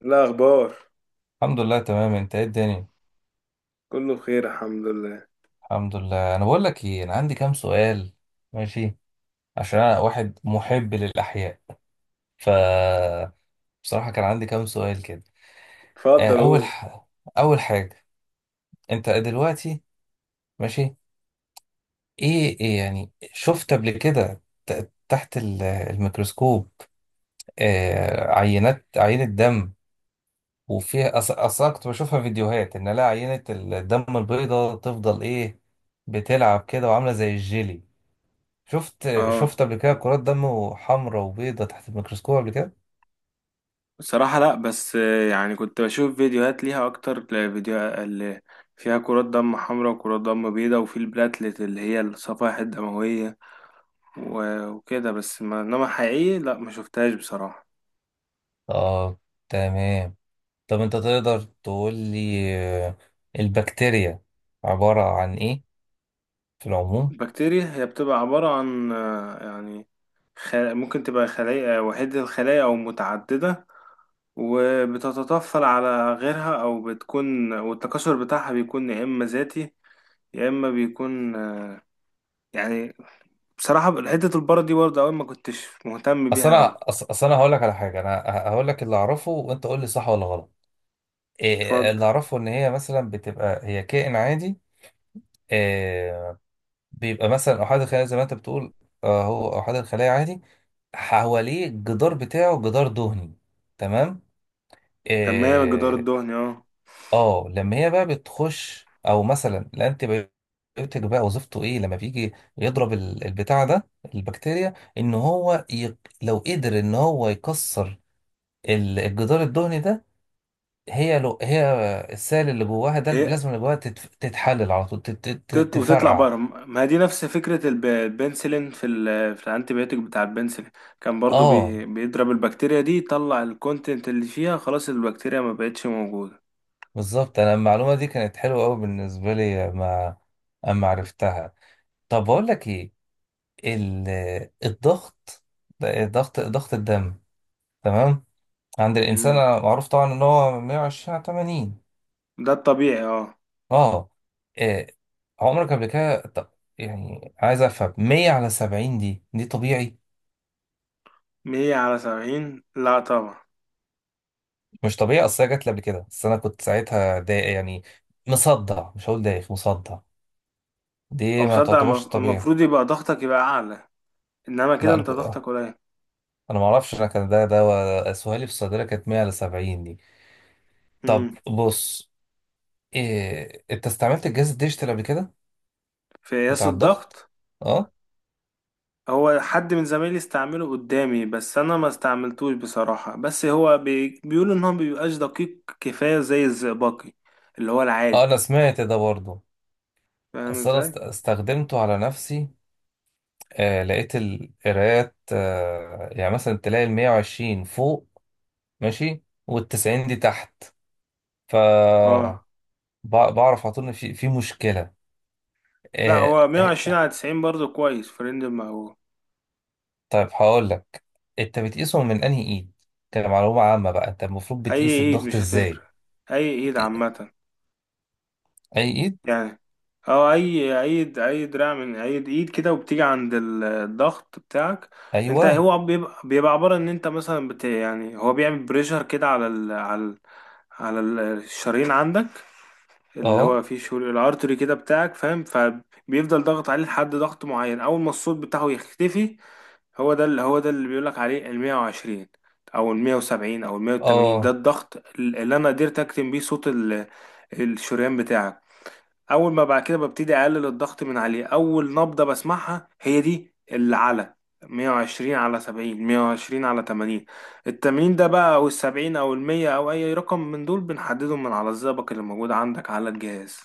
لا اخبار. الحمد لله، تمام. انت ايه الدنيا؟ كله بخير الحمد لله. الحمد لله. انا بقول لك ايه، انا عندي كام سؤال. ماشي. عشان انا واحد محب للاحياء. ف بصراحه كان عندي كام سؤال كده. آه، اتفضل اول قول. ح... اول حاجه، انت دلوقتي. ماشي. إيه يعني شفت قبل كده تحت الميكروسكوب؟ عينه دم، وفيها اصلا كنت بشوفها فيديوهات ان لا عينه الدم البيضاء تفضل ايه، بتلعب كده وعامله زي الجيلي. شفت اه، شفت قبل كده كرات دم حمراء وبيضة تحت الميكروسكوب قبل كده؟ بصراحة لا، بس يعني كنت بشوف فيديوهات ليها اكتر. فيديو اللي فيها كرات دم حمراء وكرات دم بيضاء وفي البلاتلت اللي هي الصفائح الدموية، و- وكده، بس ما انما حقيقي لا، ما شفتهاش بصراحة. اه، تمام. طب انت تقدر تقول لي، آه، البكتيريا عبارة عن ايه في العموم؟ البكتيريا هي بتبقى عبارة عن يعني، ممكن تبقى خلايا وحيدة الخلايا او متعددة، وبتتطفل على غيرها، او بتكون، والتكاثر بتاعها بيكون يا اما ذاتي، يا اما بيكون يعني، بصراحه حته البره دي برضه اول ما كنتش مهتم بيها قوي. اصل انا هقول لك على حاجة، انا هقول لك اللي اعرفه وانت قول لي صح ولا غلط. إيه اتفضل. اللي اعرفه ان هي مثلا بتبقى هي كائن عادي، إيه، بيبقى مثلا احاد الخلايا زي ما انت بتقول. هو احاد الخلايا عادي، حواليه الجدار بتاعه جدار دهني. تمام. تمام، الجدار آه. الدهني اه. اه، لما هي بقى بتخش، او مثلا الانتي بيوتيك بقى وظيفته ايه لما بيجي يضرب البتاع ده، البكتيريا، ان لو قدر ان هو يكسر الجدار الدهني ده، هي السائل اللي جواها ده، هي البلازما اللي جواها تتحلل على طول، وتطلع تفرقع. بره، ما هي دي نفس فكره البنسلين، في في الانتي بيوتيك بتاع البنسلين، كان برضه اه، بيضرب البكتيريا دي، يطلع الكونتنت اللي فيها، خلاص البكتيريا ما بقتش موجوده. بالظبط. انا المعلومه دي كانت حلوه قوي بالنسبه لي ما اما عرفتها. طب بقول لك ايه، ال... الضغط، ضغط الدم، تمام، عند الإنسان، امم. معروف طبعا إن هو 120 على 80. ده الطبيعي اه. أه. آه. عمرك قبل كده يعني عايز أفهم، 100 على 70 دي دي طبيعي؟ 100 على 70 لا طبعا. مش طبيعي، أصل هي جات لي قبل كده، بس أنا كنت ساعتها ضايق يعني، مصدع، مش هقول دايخ، مصدع. او دي ما مصدق، تعتبرش طبيعي؟ المفروض يبقى ضغطك يبقى اعلى، انما كده لا أنا انت ك... ضغطك آه، قليل. أنا ما أعرفش، أنا كان ده سؤالي في الصيدلة، كانت 100 على 70 دي. طب امم. بص، أنت استعملت الجهاز الديجيتال قبل كده في قياس بتاع الضغط؟ الضغط؟ أه. هو حد من زمايلي استعمله قدامي، بس انا ما استعملتوش بصراحة، بس هو بيقولوا ان هو مبيبقاش دقيق كفاية زي الزئبقي اللي هو أه، العادي، أنا سمعت ده برضه. فاهم ازاي. استخدمته على نفسي، آه، لقيت القرايات، آه يعني مثلا تلاقي ال 120 فوق ماشي، وال 90 دي تحت. ف اه، بعرف على طول ان في مشكله. لا آه. هو آه. 120 على 90 برضه كويس في رينج المقبول. طيب هقول لك، انت بتقيسهم من انهي ايد؟ كمعلومه عامه بقى، انت المفروض اي بتقيس ايد الضغط مش ازاي؟ هتفرق، اي ايد بت- عامة اي ايد؟ يعني. اه، اي دراع من اي ايد كده، وبتيجي عند الضغط بتاعك، انت، ايوه. هو بيبقى عبارة ان انت مثلا يعني هو بيعمل بريشر كده على الشرايين عندك، اللي اه. هو فيه شغل الارتري كده بتاعك فاهم، فبيفضل ضغط عليه لحد ضغط معين، اول ما الصوت بتاعه يختفي. هو ده اللي بيقولك عليه ال 120 او ال 170 او ال 180، ده اه. الضغط اللي انا قدرت اكتم بيه صوت الشريان بتاعك. اول ما بعد كده ببتدي اقلل الضغط من عليه، اول نبضة بسمعها هي دي العلى، 120 على 70، 120 على 80 التمرين ده بقى، او ال70 او ال100، او اي رقم من دول بنحددهم من على الزئبق اللي موجود عندك على الجهاز.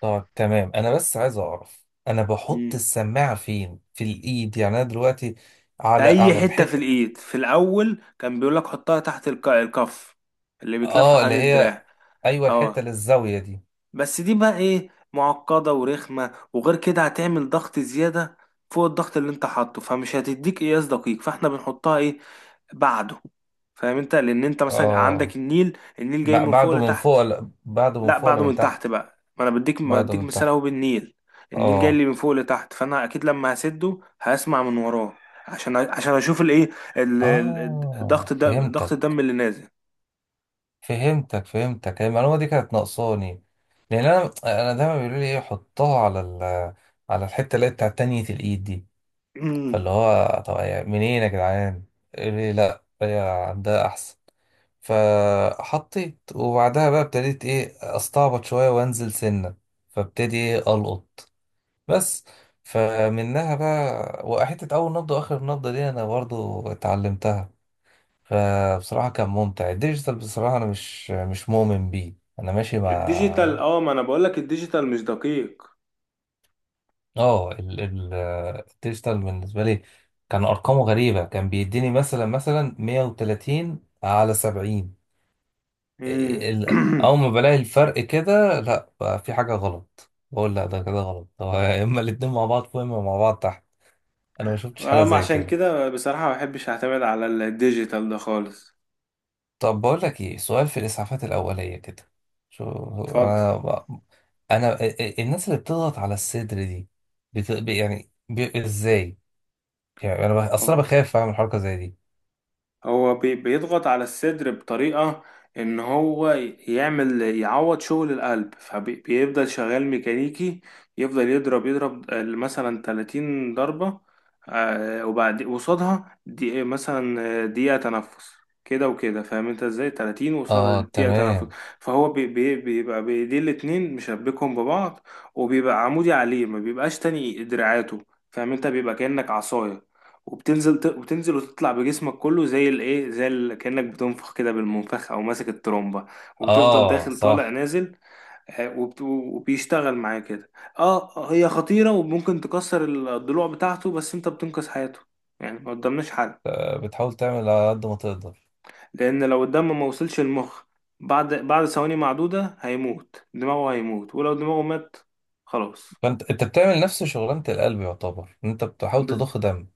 طب تمام، انا بس عايز اعرف، انا بحط مم. السماعه فين في الايد؟ يعني انا دلوقتي في على اي على حتة في الحته. الايد، في الاول كان بيقولك حطها تحت الكف اللي بيتلف اه، اللي حوالين هي، الدراع. ايوه، اه، الحته للزاويه دي؟ بس دي بقى ايه، معقدة ورخمة، وغير كده هتعمل ضغط زيادة فوق الضغط اللي انت حاطه، فمش هتديك قياس دقيق، فاحنا بنحطها ايه، بعده. فاهم انت، لان انت مثلا عندك اه، النيل، النيل جاي من فوق لتحت. بعده من لا، فوق ولا بعده من من تحت تحت؟ بقى، ما انا بديك بعده من مثال تحت؟ اهو بالنيل، النيل جاي لي اه. من فوق لتحت، فانا اكيد لما هسده هسمع من وراه، عشان اشوف الايه، اه ضغط الدم، فهمتك اللي نازل. فهمتك فهمتك. هي المعلومه دي كانت ناقصاني، لان انا دايما بيقولوا لي ايه، حطها على على الحته اللي هي بتاعت تانية الايد دي. امم. فاللي هو طب منين يا جدعان، قال لي لا هي عندها احسن. فحطيت، وبعدها بقى ابتديت ايه، استعبط شويه وانزل سنه، فابتدي ايه القط بس. فمنها بقى، وحته اول نبضه واخر نبضه دي انا برضو اتعلمتها. فبصراحه كان ممتع. الديجيتال بصراحه انا مش مؤمن بيه، انا ماشي الديجيتال مع، اه، ما انا بقولك الديجيتال مش دقيق. اه، الديجيتال بالنسبه لي كان ارقامه غريبه، كان بيديني مثلا 130 على 70. امم. اول ما بلاقي الفرق كده، لا بقى في حاجه غلط، بقول لا ده كده غلط، هو يا اما الاتنين مع بعض فوق يا اما مع بعض تحت. انا ما شفتش حاله أما زي عشان كده. كده، بصراحة ما بحبش اعتمد على الديجيتال ده خالص. طب بقول لك ايه، سؤال في الاسعافات الاوليه كده. شو، اتفضل. انا انا الناس اللي بتضغط على الصدر دي، ازاي؟ يعني انا اصلا أهو، بخاف اعمل حركه زي دي. هو بيضغط على الصدر بطريقة ان هو يعمل، يعوض شغل القلب، فبيفضل شغال ميكانيكي، يفضل يضرب مثلا 30 ضربة، وبعد قصادها دي مثلا دقيقة تنفس، كده وكده، فاهم انت ازاي، 30 وقصادها اه دقيقة تنفس. تمام. فهو بيبقى بيدي الاتنين مشبكهم ببعض، وبيبقى عمودي عليه، ما بيبقاش تاني دراعاته، فاهم انت، بيبقى كأنك عصاية، وبتنزل وتطلع بجسمك كله زي الايه، زي ال كأنك بتنفخ كده بالمنفخ او ماسك الترومبه، وتفضل اه داخل طالع صح. نازل. وبيشتغل معاه كده. اه، هي خطيره وممكن تكسر الضلوع بتاعته، بس انت بتنقذ حياته، يعني ما قدامناش حل. بتحاول تعمل على قد ما تقدر. لان لو الدم ما وصلش المخ بعد ثواني معدوده هيموت، دماغه هيموت، ولو دماغه مات خلاص. فانت بتعمل نفس شغلانة القلب، يعتبر إن انت بتحاول بس... تضخ دم.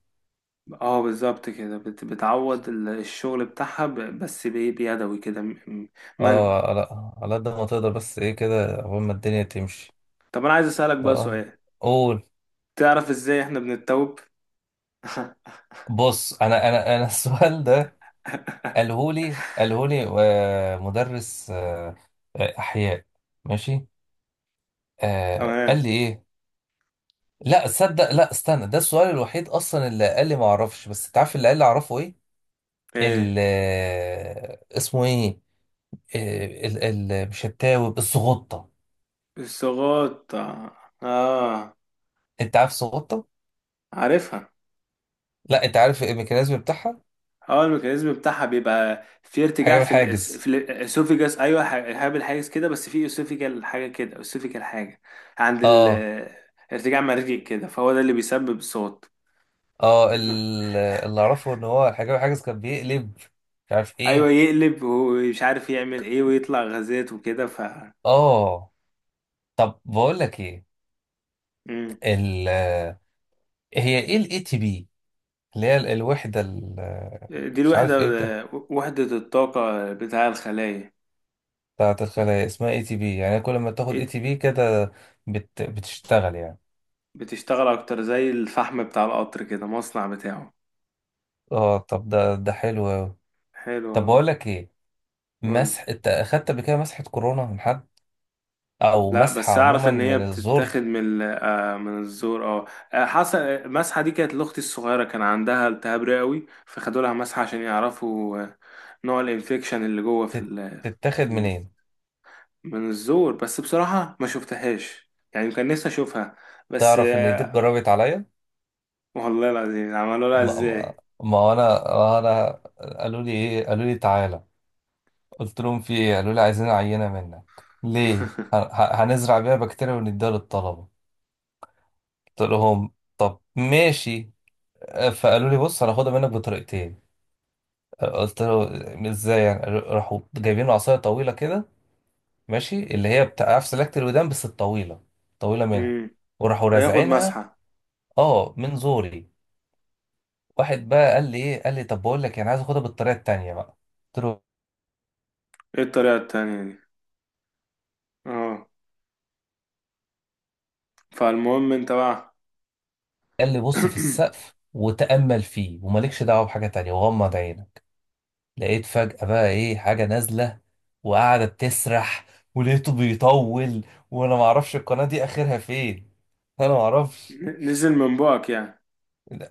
اه، بالظبط كده، بتعوض الشغل بتاعها بس بإيه؟ بيدوي كده، مانوال. اه، على على قد ما تقدر، بس ايه كده قبل ما الدنيا تمشي. طب، انا عايز اسالك بقى اه سؤال، قول. تعرف ازاي احنا بنتوب. بص، انا السؤال ده قالهولي، مدرس، احياء. ماشي. آه قال تمام. لي ايه، لا تصدق، لا استنى، ده السؤال الوحيد اصلا اللي قال لي ما اعرفش، بس تعرف اللي قال لي اعرفه ايه، ايه ال اسمه ايه، آه، ال ال مش التاوب، السغطه. الصغاط اه. آه، انت عارف السغطه؟ عارفها. لا، انت عارف الميكانيزم بتاعها؟ اه، الميكانيزم بتاعها بيبقى في ارتجاع، الحجاب في الحاجز. في الاسوفيجاس، ايوه هابل حاجه كده، بس في اسوفيجال حاجه كده، اسوفيجال حاجه. عند اه. ارتجاع مرجي كده، فهو ده اللي بيسبب الصوت. اه اللي اعرفه ان هو الحجاب الحاجز كان بيقلب، مش عارف ايوه ايه. يقلب ومش عارف يعمل ايه، ويطلع غازات وكده. اه. طب بقول لك ايه، مم. ال، هي ايه الاي تي بي، اللي هي الوحده دي مش الوحده، عارف ايه ده. وحده الطاقه بتاع الخلايا. بتاعت الخلايا اسمها اي تي بي، يعني كل ما تاخد اي تي بي كده بتشتغل يعني؟ بتشتغل اكتر، زي الفحم بتاع القطر كده، مصنع بتاعه. اه. طب ده ده حلو أوي. حلو. طب بقول لك ايه، قول. مسح، انت اخدت قبل كده مسحة كورونا من حد؟ او لا، مسحة بس اعرف عموما ان هي من الزور؟ بتتاخد من من الزور اه. حصل، المسحه دي كانت لاختي الصغيره، كان عندها التهاب رئوي، فخدوا لها مسحه عشان يعرفوا نوع الانفكشن اللي جوه في تت- ال، تتاخد في ال منين؟ من الزور، بس بصراحه ما شفتهاش، يعني كان نفسي اشوفها، بس تعرف ان دي اتجربت عليا. والله العظيم عملوا ما لها ما ازاي. ما هو انا قالوا لي ايه، قالوا لي تعالى، قلت لهم في ايه، قالوا لي عايزين عينة منك، ليه، هنزرع بيها بكتيريا ونديها للطلبة. قلت لهم طب ماشي. فقالوا لي بص هناخدها منك بطريقتين. قلت له ازاي يعني، راحوا جايبين عصاية طويلة كده ماشي، اللي هي بتاع عارف سلاكة الودان بس الطويلة، طويلة منها، امم. وراحوا ياخد رازعينها. مسحه. اه من زوري. واحد بقى قال لي ايه، قال لي طب بقول لك انا عايز اخدها بالطريقة التانية بقى. قلت له، ايه الطريقه التانية دي؟ اه، فالمهم انت بقى. قال لي بص في السقف وتأمل فيه ومالكش دعوة بحاجة تانية وغمض عينك. لقيت فجأة بقى ايه حاجة نازلة، وقعدت تسرح، ولقيته بيطول وانا معرفش القناة دي اخرها فين. انا معرفش. نزل من بقك يعني.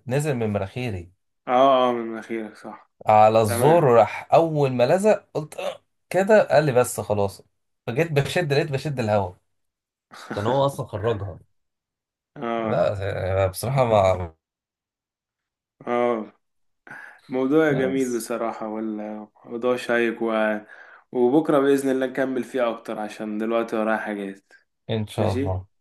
نزل من مناخيري، اه اه، من مناخيرك صح. على الزور، تمام. راح اول ما لزق قلت "أه، كده". قال لي بس خلاص. فجيت بشد، لقيت بشد الهوا، كان هو اصلا خرجها. اه لا بصراحة ما. اه، موضوع جميل بس بصراحة، والموضوع شيق، وبكرة بإذن الله نكمل فيه أكتر، عشان دلوقتي ورايا حاجات. ان شاء ماشي. الله.